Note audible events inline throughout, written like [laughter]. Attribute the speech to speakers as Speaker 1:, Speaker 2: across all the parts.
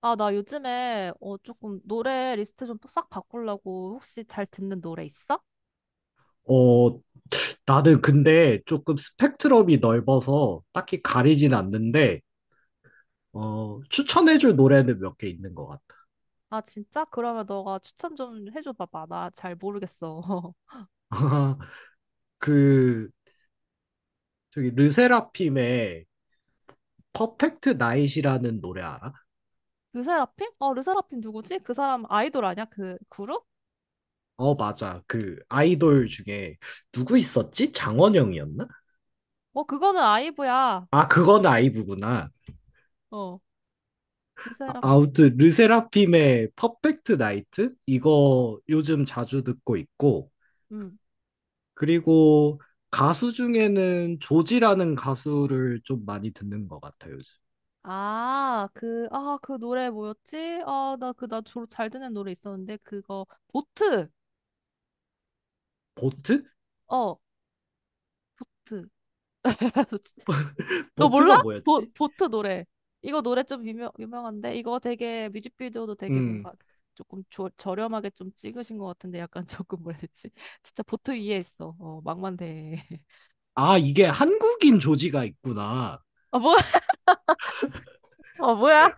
Speaker 1: 아, 나 요즘에 조금 노래 리스트 좀 싹 바꾸려고 혹시 잘 듣는 노래 있어?
Speaker 2: 어, 나는 근데 조금 스펙트럼이 넓어서 딱히 가리진 않는데, 추천해줄 노래는 몇 개 있는 것 같아.
Speaker 1: 아, 진짜? 그러면 너가 추천 좀 해줘 봐봐. 나 잘 모르겠어. [laughs]
Speaker 2: [laughs] 그, 르세라핌의 퍼펙트 나잇이라는 노래 알아?
Speaker 1: 르세라핌? 어, 르세라핌 누구지? 그 사람 아이돌 아니야? 그 그룹?
Speaker 2: 어, 맞아. 그 아이돌 중에 누구 있었지? 장원영이었나?
Speaker 1: 어, 그거는 아이브야.
Speaker 2: 아, 그건 아이브구나.
Speaker 1: 어,
Speaker 2: 아,
Speaker 1: 르세라.
Speaker 2: 아무튼, 르세라핌의 퍼펙트 나이트? 이거 요즘 자주 듣고 있고,
Speaker 1: 음.
Speaker 2: 그리고 가수 중에는 조지라는 가수를 좀 많이 듣는 것 같아요, 요즘.
Speaker 1: 아, 그, 아, 그 노래 뭐였지? 아, 나 그, 나 주로 잘 듣는 노래 있었는데, 그거, 보트!
Speaker 2: 보트?
Speaker 1: 어, 보트. [laughs] 너 몰라?
Speaker 2: 보트가
Speaker 1: 보,
Speaker 2: 뭐였지?
Speaker 1: 보트 노래. 이거 노래 좀 유명한데? 이거 되게 뮤직비디오도 되게
Speaker 2: 음.
Speaker 1: 뭔가 조금 저렴하게 좀 찍으신 것 같은데 약간 [laughs] 조금 뭐라 해야 되지? [laughs] 진짜 보트 위에 있어. 어, 망만대. [laughs]
Speaker 2: 아, 이게 한국인 조지가 있구나.
Speaker 1: 어, 뭐야? 어, 뭐야?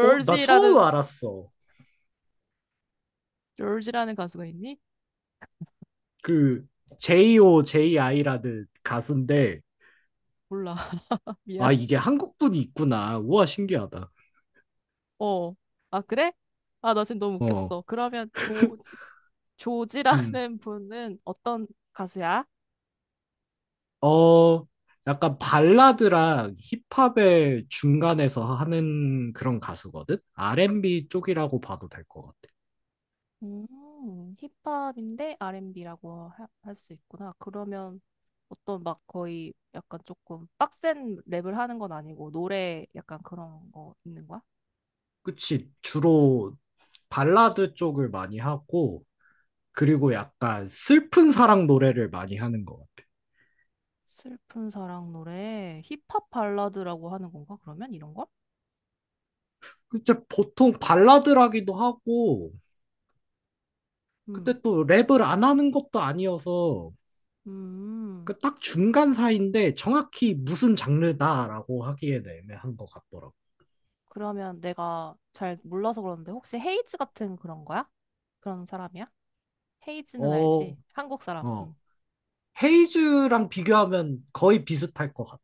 Speaker 2: 어, 나 처음 알았어.
Speaker 1: 조지라는 가수가 있니?
Speaker 2: 그, JO, JI라는 가수인데,
Speaker 1: 몰라. [laughs] 미안.
Speaker 2: 아, 이게 한국분이 있구나. 우와, 신기하다.
Speaker 1: 어. 아, 그래? 아, 나 지금 너무
Speaker 2: 어,
Speaker 1: 웃겼어. 그러면 조지,
Speaker 2: 음.
Speaker 1: 조지라는 분은 어떤 가수야?
Speaker 2: 어, 약간 발라드랑 힙합의 중간에서 하는 그런 가수거든? R&B 쪽이라고 봐도 될 것 같아.
Speaker 1: 힙합인데 R&B라고 할 수 있구나. 그러면 어떤 막 거의 약간 조금 빡센 랩을 하는 건 아니고 노래 약간 그런 거 있는 거야?
Speaker 2: 그치, 주로 발라드 쪽을 많이 하고, 그리고 약간 슬픈 사랑 노래를 많이 하는 것 같아.
Speaker 1: 슬픈 사랑 노래, 힙합 발라드라고 하는 건가? 그러면 이런 걸?
Speaker 2: 그때 보통 발라드라기도 하고,
Speaker 1: 음,
Speaker 2: 근데 또 랩을 안 하는 것도 아니어서,
Speaker 1: 음.
Speaker 2: 그 딱 중간 사이인데 정확히 무슨 장르다라고 하기에는 애매한 것 같더라고.
Speaker 1: 그러면 내가 잘 몰라서 그러는데 혹시 헤이즈 같은 그런 거야? 그런 사람이야? 헤이즈는
Speaker 2: 어,
Speaker 1: 알지? 한국 사람.
Speaker 2: 어.
Speaker 1: 음.
Speaker 2: 헤이즈랑 비교하면 거의 비슷할 것 같아.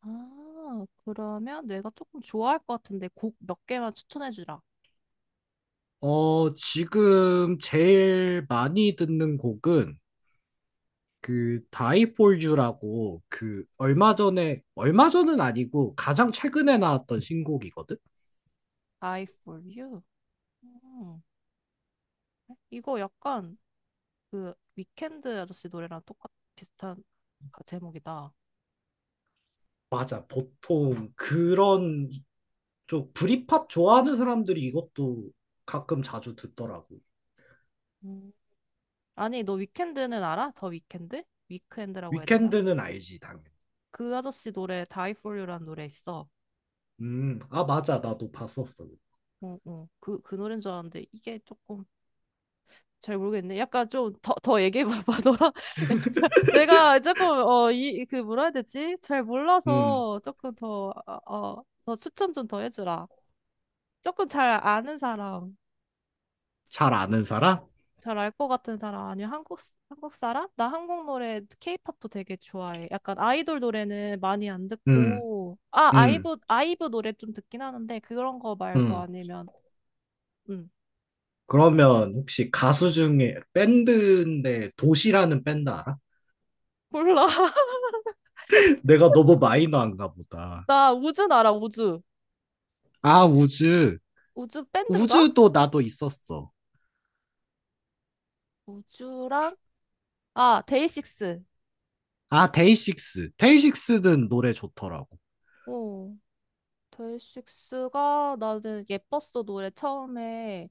Speaker 1: 아, 그러면 내가 조금 좋아할 것 같은데 곡 몇 개만 추천해 주라.
Speaker 2: 어, 지금 제일 많이 듣는 곡은, 그 다이폴주라고 그 얼마 전에 얼마 전은 아니고 가장 최근에 나왔던 신곡이거든.
Speaker 1: Die for you. 음. 이거 약간 그 위켄드 아저씨 노래랑 똑같 비슷한 제목이다.
Speaker 2: 맞아. 보통 그런 쪽 브리팝 좋아하는 사람들이 이것도 가끔 자주 듣더라고.
Speaker 1: 음. 아니, 너 위켄드는 알아? 더 위켄드? 위크엔드라고 해야 되나?
Speaker 2: 위켄드는 알지, 당연히.
Speaker 1: 그 아저씨 노래 Die for you라는 노래 있어.
Speaker 2: 아 맞아. 나도 봤었어.
Speaker 1: 어, 어. 그, 그 노래인 줄 알았는데 이게 조금 잘 모르겠네. 약간 좀 더, 더 얘기해봐봐. [laughs] 너랑 약간 내가 조금 어, 이, 그 뭐라 해야 되지? 잘
Speaker 2: 음,
Speaker 1: 몰라서 조금 더, 어, 어, 더 추천 좀 더 해주라. 조금 잘 아는 사람.
Speaker 2: 잘 아는 사람?
Speaker 1: 잘 알 것 같은 사람 아니면 한국 사람? 나 한국 노래 케이팝도 되게 좋아해. 약간 아이돌 노래는 많이 안
Speaker 2: 음,
Speaker 1: 듣고 아
Speaker 2: 음,
Speaker 1: 아이브 노래 좀 듣긴 하는데 그런 거 말고
Speaker 2: 음.
Speaker 1: 아니면 음 혹시-
Speaker 2: 그러면 혹시 가수 중에 밴드인데 도시라는 밴드 알아?
Speaker 1: 몰라. [laughs]
Speaker 2: [laughs] 내가 너무 마이너한가 보다.
Speaker 1: 나 우즈 알아 우즈
Speaker 2: 아, 우즈.
Speaker 1: 우즈 밴드인가?
Speaker 2: 우주도 나도 있었어.
Speaker 1: 우즈랑 아 데이식스.
Speaker 2: 아, 데이식스. 데이식스는 노래 좋더라고.
Speaker 1: 어 데이식스가 나는 예뻤어 노래 처음에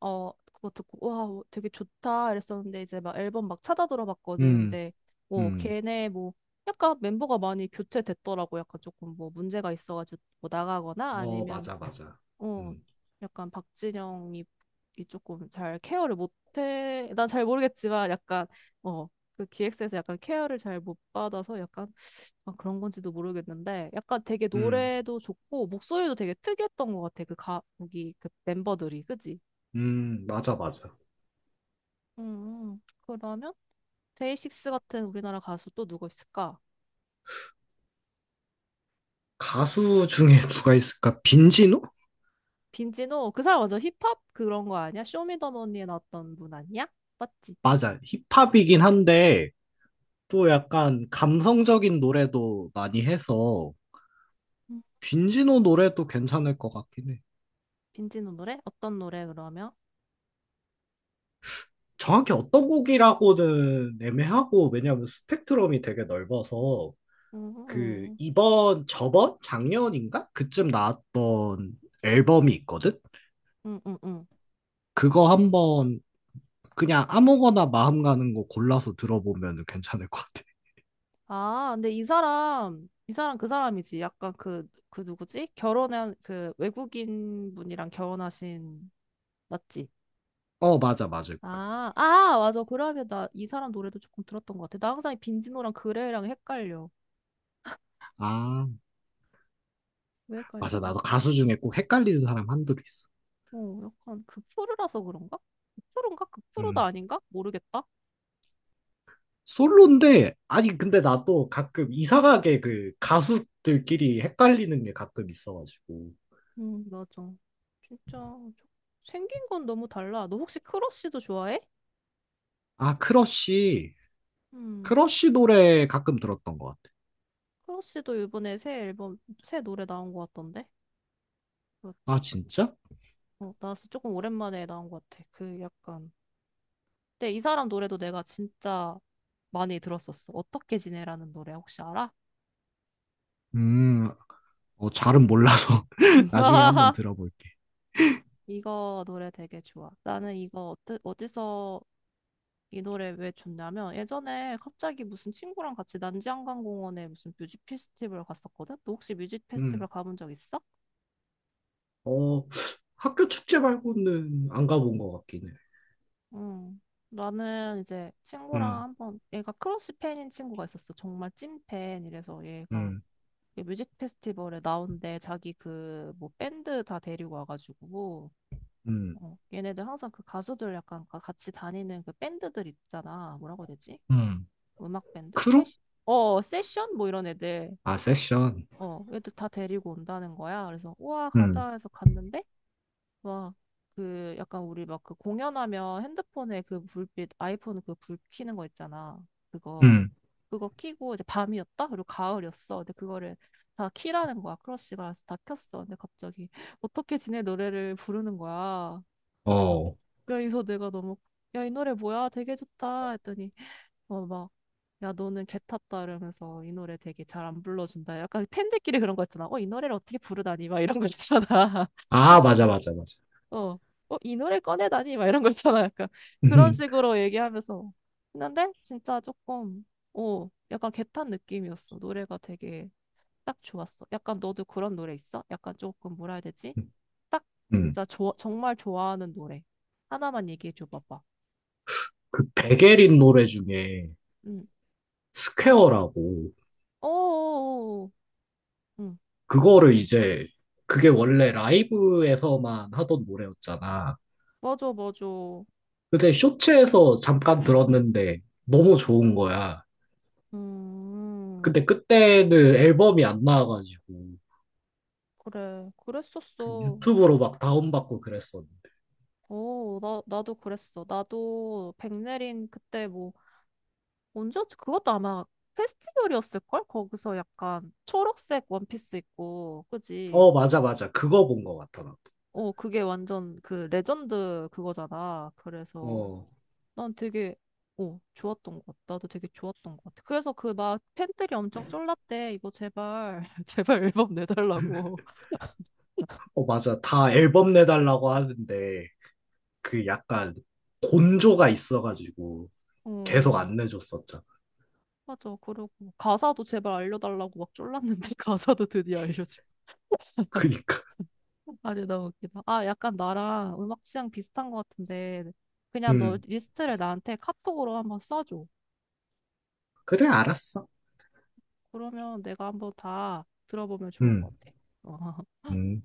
Speaker 1: 어, 그거 듣고, 와, 뭐 되게 좋다. 이랬었는데, 이제 막 앨범 막 찾아 들어봤거든.
Speaker 2: 음,
Speaker 1: 근데, 뭐,
Speaker 2: 음,
Speaker 1: 걔네 뭐, 약간 멤버가 많이 교체됐더라고. 약간 조금 뭐, 문제가 있어가지고 뭐 나가거나
Speaker 2: 어,
Speaker 1: 아니면,
Speaker 2: 맞아, 맞아.
Speaker 1: 어,
Speaker 2: 음.
Speaker 1: 약간 박진영이 이 조금 잘 케어를 못해. 난 잘 모르겠지만, 약간, 어, 그 기획사에서 약간 케어를 잘 못 받아서 약간, 아, 그런 건지도 모르겠는데, 약간 되게
Speaker 2: 음,
Speaker 1: 노래도 좋고, 목소리도 되게 특이했던 것 같아. 그 가, 거기, 그 멤버들이. 그지?
Speaker 2: 맞아, 맞아.
Speaker 1: 그러면 데이식스 같은 우리나라 가수 또 누구 있을까?
Speaker 2: 가수 중에 누가 있을까? 빈지노?
Speaker 1: 빈지노 그 사람 완전 힙합 그런 거 아니야? 쇼미더머니에 나왔던 분 아니야? 맞지?
Speaker 2: 맞아. 힙합이긴 한데, 또 약간 감성적인 노래도 많이 해서,
Speaker 1: 음,
Speaker 2: 빈지노 노래도 괜찮을 것 같긴 해.
Speaker 1: 빈지노 노래? 어떤 노래 그러면?
Speaker 2: 정확히 어떤 곡이라고는 애매하고, 왜냐면 스펙트럼이 되게 넓어서, 그
Speaker 1: 음,
Speaker 2: 이번 저번 작년인가 그쯤 나왔던 앨범이 있거든.
Speaker 1: 음, 음, 음.
Speaker 2: 그거 한번 그냥 아무거나 마음 가는 거 골라서 들어보면 괜찮을 것 같아.
Speaker 1: 아, 근데 이 사람 그 사람이지. 약간 그 누구지? 결혼한 그 외국인 분이랑 결혼하신 맞지?
Speaker 2: 어 맞아 맞을 거야.
Speaker 1: 아, 아, 맞아. 그러면 나 이 사람 노래도 조금 들었던 것 같아. 나 항상 이 빈지노랑 그레이랑 헷갈려.
Speaker 2: 아
Speaker 1: 왜
Speaker 2: 맞아
Speaker 1: 헷갈릴까?
Speaker 2: 나도 가수 중에 꼭 헷갈리는 사람 한둘이 있어.
Speaker 1: 어, 약간 극프루라서 그런가? 극프루인가? 극프루도
Speaker 2: 음
Speaker 1: 아닌가? 모르겠다.
Speaker 2: 솔로인데 아니 근데 나도 가끔 이상하게 그 가수들끼리 헷갈리는 게 가끔 있어가지고
Speaker 1: 맞아. 진짜 저- 생긴 건 너무 달라. 너 혹시 크러쉬도 좋아해?
Speaker 2: 아 크러쉬
Speaker 1: 음,
Speaker 2: 크러쉬 노래 가끔 들었던 것 같아.
Speaker 1: 크러쉬도 이번에 새 앨범, 새 노래 나온 것 같던데?
Speaker 2: 아
Speaker 1: 뭐였지?
Speaker 2: 진짜?
Speaker 1: 어, 나왔어. 조금 오랜만에 나온 것 같아. 그 약간. 근데 이 사람 노래도 내가 진짜 많이 들었었어. 어떻게 지내라는 노래 혹시 알아?
Speaker 2: 음, 어, 잘은 몰라서 [laughs] 나중에 한번
Speaker 1: [laughs]
Speaker 2: 들어볼게.
Speaker 1: 이거 노래 되게 좋아. 나는 이거 어떠, 어디서 이 노래 왜 좋냐면 예전에 갑자기 무슨 친구랑 같이 난지한강공원에 무슨 뮤직 페스티벌 갔었거든? 너 혹시 뮤직 페스티벌
Speaker 2: 음,
Speaker 1: 가본 적 있어?
Speaker 2: 어, 학교 축제 말고는 안 가본 것 같긴 해.
Speaker 1: 응. 나는 이제 친구랑
Speaker 2: 음,
Speaker 1: 한번 얘가 크러쉬 팬인 친구가 있었어. 정말 찐팬. 이래서 얘가
Speaker 2: 음,
Speaker 1: 이 뮤직 페스티벌에 나온대. 자기 그 뭐 밴드 다 데리고 와가지고
Speaker 2: 음,
Speaker 1: 어, 얘네들 항상 그 가수들 약간 같이 다니는 그 밴드들 있잖아. 뭐라고 해야 되지?
Speaker 2: 음.
Speaker 1: 음악 밴드?
Speaker 2: 크롭?
Speaker 1: 세션? 어, 세션? 뭐 이런 애들.
Speaker 2: 아, 세션.
Speaker 1: 어, 애들 다 데리고 온다는 거야. 그래서, 우와,
Speaker 2: 음,
Speaker 1: 가자 해서 갔는데, 막, 그, 약간 우리 막 그 공연하면 핸드폰에 그 불빛, 아이폰 그 불 켜는 거 있잖아. 그거,
Speaker 2: 음,
Speaker 1: 그거 켜고 이제 밤이었다? 그리고 가을이었어. 근데 그거를 다 키라는 거야. 크러쉬가. 그래서 다 켰어. 근데 갑자기, [laughs] 어떻게 지내 노래를 부르는 거야. 그래서
Speaker 2: 어.
Speaker 1: 여기서 내가 너무 야, 이 노래 뭐야? 되게 좋다 했더니 어, 막, 야, 너는 개 탔다 이러면서 이 노래 되게 잘 안 불러준다. 약간 팬들끼리 그런 거 있잖아. 어, 이 노래를 어떻게 부르다니? 막 이런 거 있잖아. [laughs]
Speaker 2: 아, 맞아, 맞아, 맞아.
Speaker 1: 어, 어, 이 노래 꺼내다니? 막 이런 거 있잖아. 약간 그런
Speaker 2: 음,
Speaker 1: 식으로 얘기하면서. 했는데 진짜 조금, 어, 약간 개 탄 느낌이었어. 노래가 되게 딱 좋았어. 약간 너도 그런 노래 있어? 약간 조금 뭐라 해야 되지?
Speaker 2: [laughs]
Speaker 1: 딱
Speaker 2: 음.
Speaker 1: 진짜 좋아, 정말 좋아하는 노래. 하나만 얘기해 줘 봐봐.
Speaker 2: 그 백예린 노래 중에
Speaker 1: 응.
Speaker 2: 스퀘어라고,
Speaker 1: 어어어. 응.
Speaker 2: 그거를 이제, 그게 원래 라이브에서만 하던 노래였잖아.
Speaker 1: 맞아, 맞아.
Speaker 2: 근데 쇼츠에서 잠깐 들었는데 너무 좋은 거야.
Speaker 1: 음.
Speaker 2: 근데 그때는 앨범이 안 나와가지고
Speaker 1: 그래.
Speaker 2: 그
Speaker 1: 그랬었어.
Speaker 2: 유튜브로 막 다운받고 그랬었는데.
Speaker 1: 오 나 나도 그랬어. 나도 백내린 그때 뭐 언제였지? 그것도 아마 페스티벌이었을 걸? 거기서 약간 초록색 원피스 입고. 그지?
Speaker 2: 어, 맞아, 맞아. 그거 본 것 같아, 나도.
Speaker 1: 어, 그게 완전 그 레전드 그거잖아. 그래서
Speaker 2: 어,
Speaker 1: 난 되게 어, 좋았던 것 같아. 나도 되게 좋았던 것 같아. 그래서 그 막 팬들이 엄청 쫄랐대. 이거 제발, [laughs] 제발 앨범 내달라고.
Speaker 2: 어, 맞아. 다 앨범 내달라고 하는데 그 약간 곤조가 있어가지고
Speaker 1: 어,
Speaker 2: 계속 안 내줬었잖아.
Speaker 1: 맞아. 그러고 가사도 제발 알려달라고 막 쫄랐는데 [laughs] 가사도 드디어 알려주고.
Speaker 2: [laughs] 그니까.
Speaker 1: 아니, 너무 웃기다. 아, 약간 나랑 음악 취향 비슷한 것 같은데 그냥 너
Speaker 2: 음.
Speaker 1: 리스트를 나한테 카톡으로 한번 써줘.
Speaker 2: 그래, 알았어.
Speaker 1: 그러면 내가 한번 다 들어보면 좋을 것
Speaker 2: 음.
Speaker 1: 같아. [laughs]
Speaker 2: 음.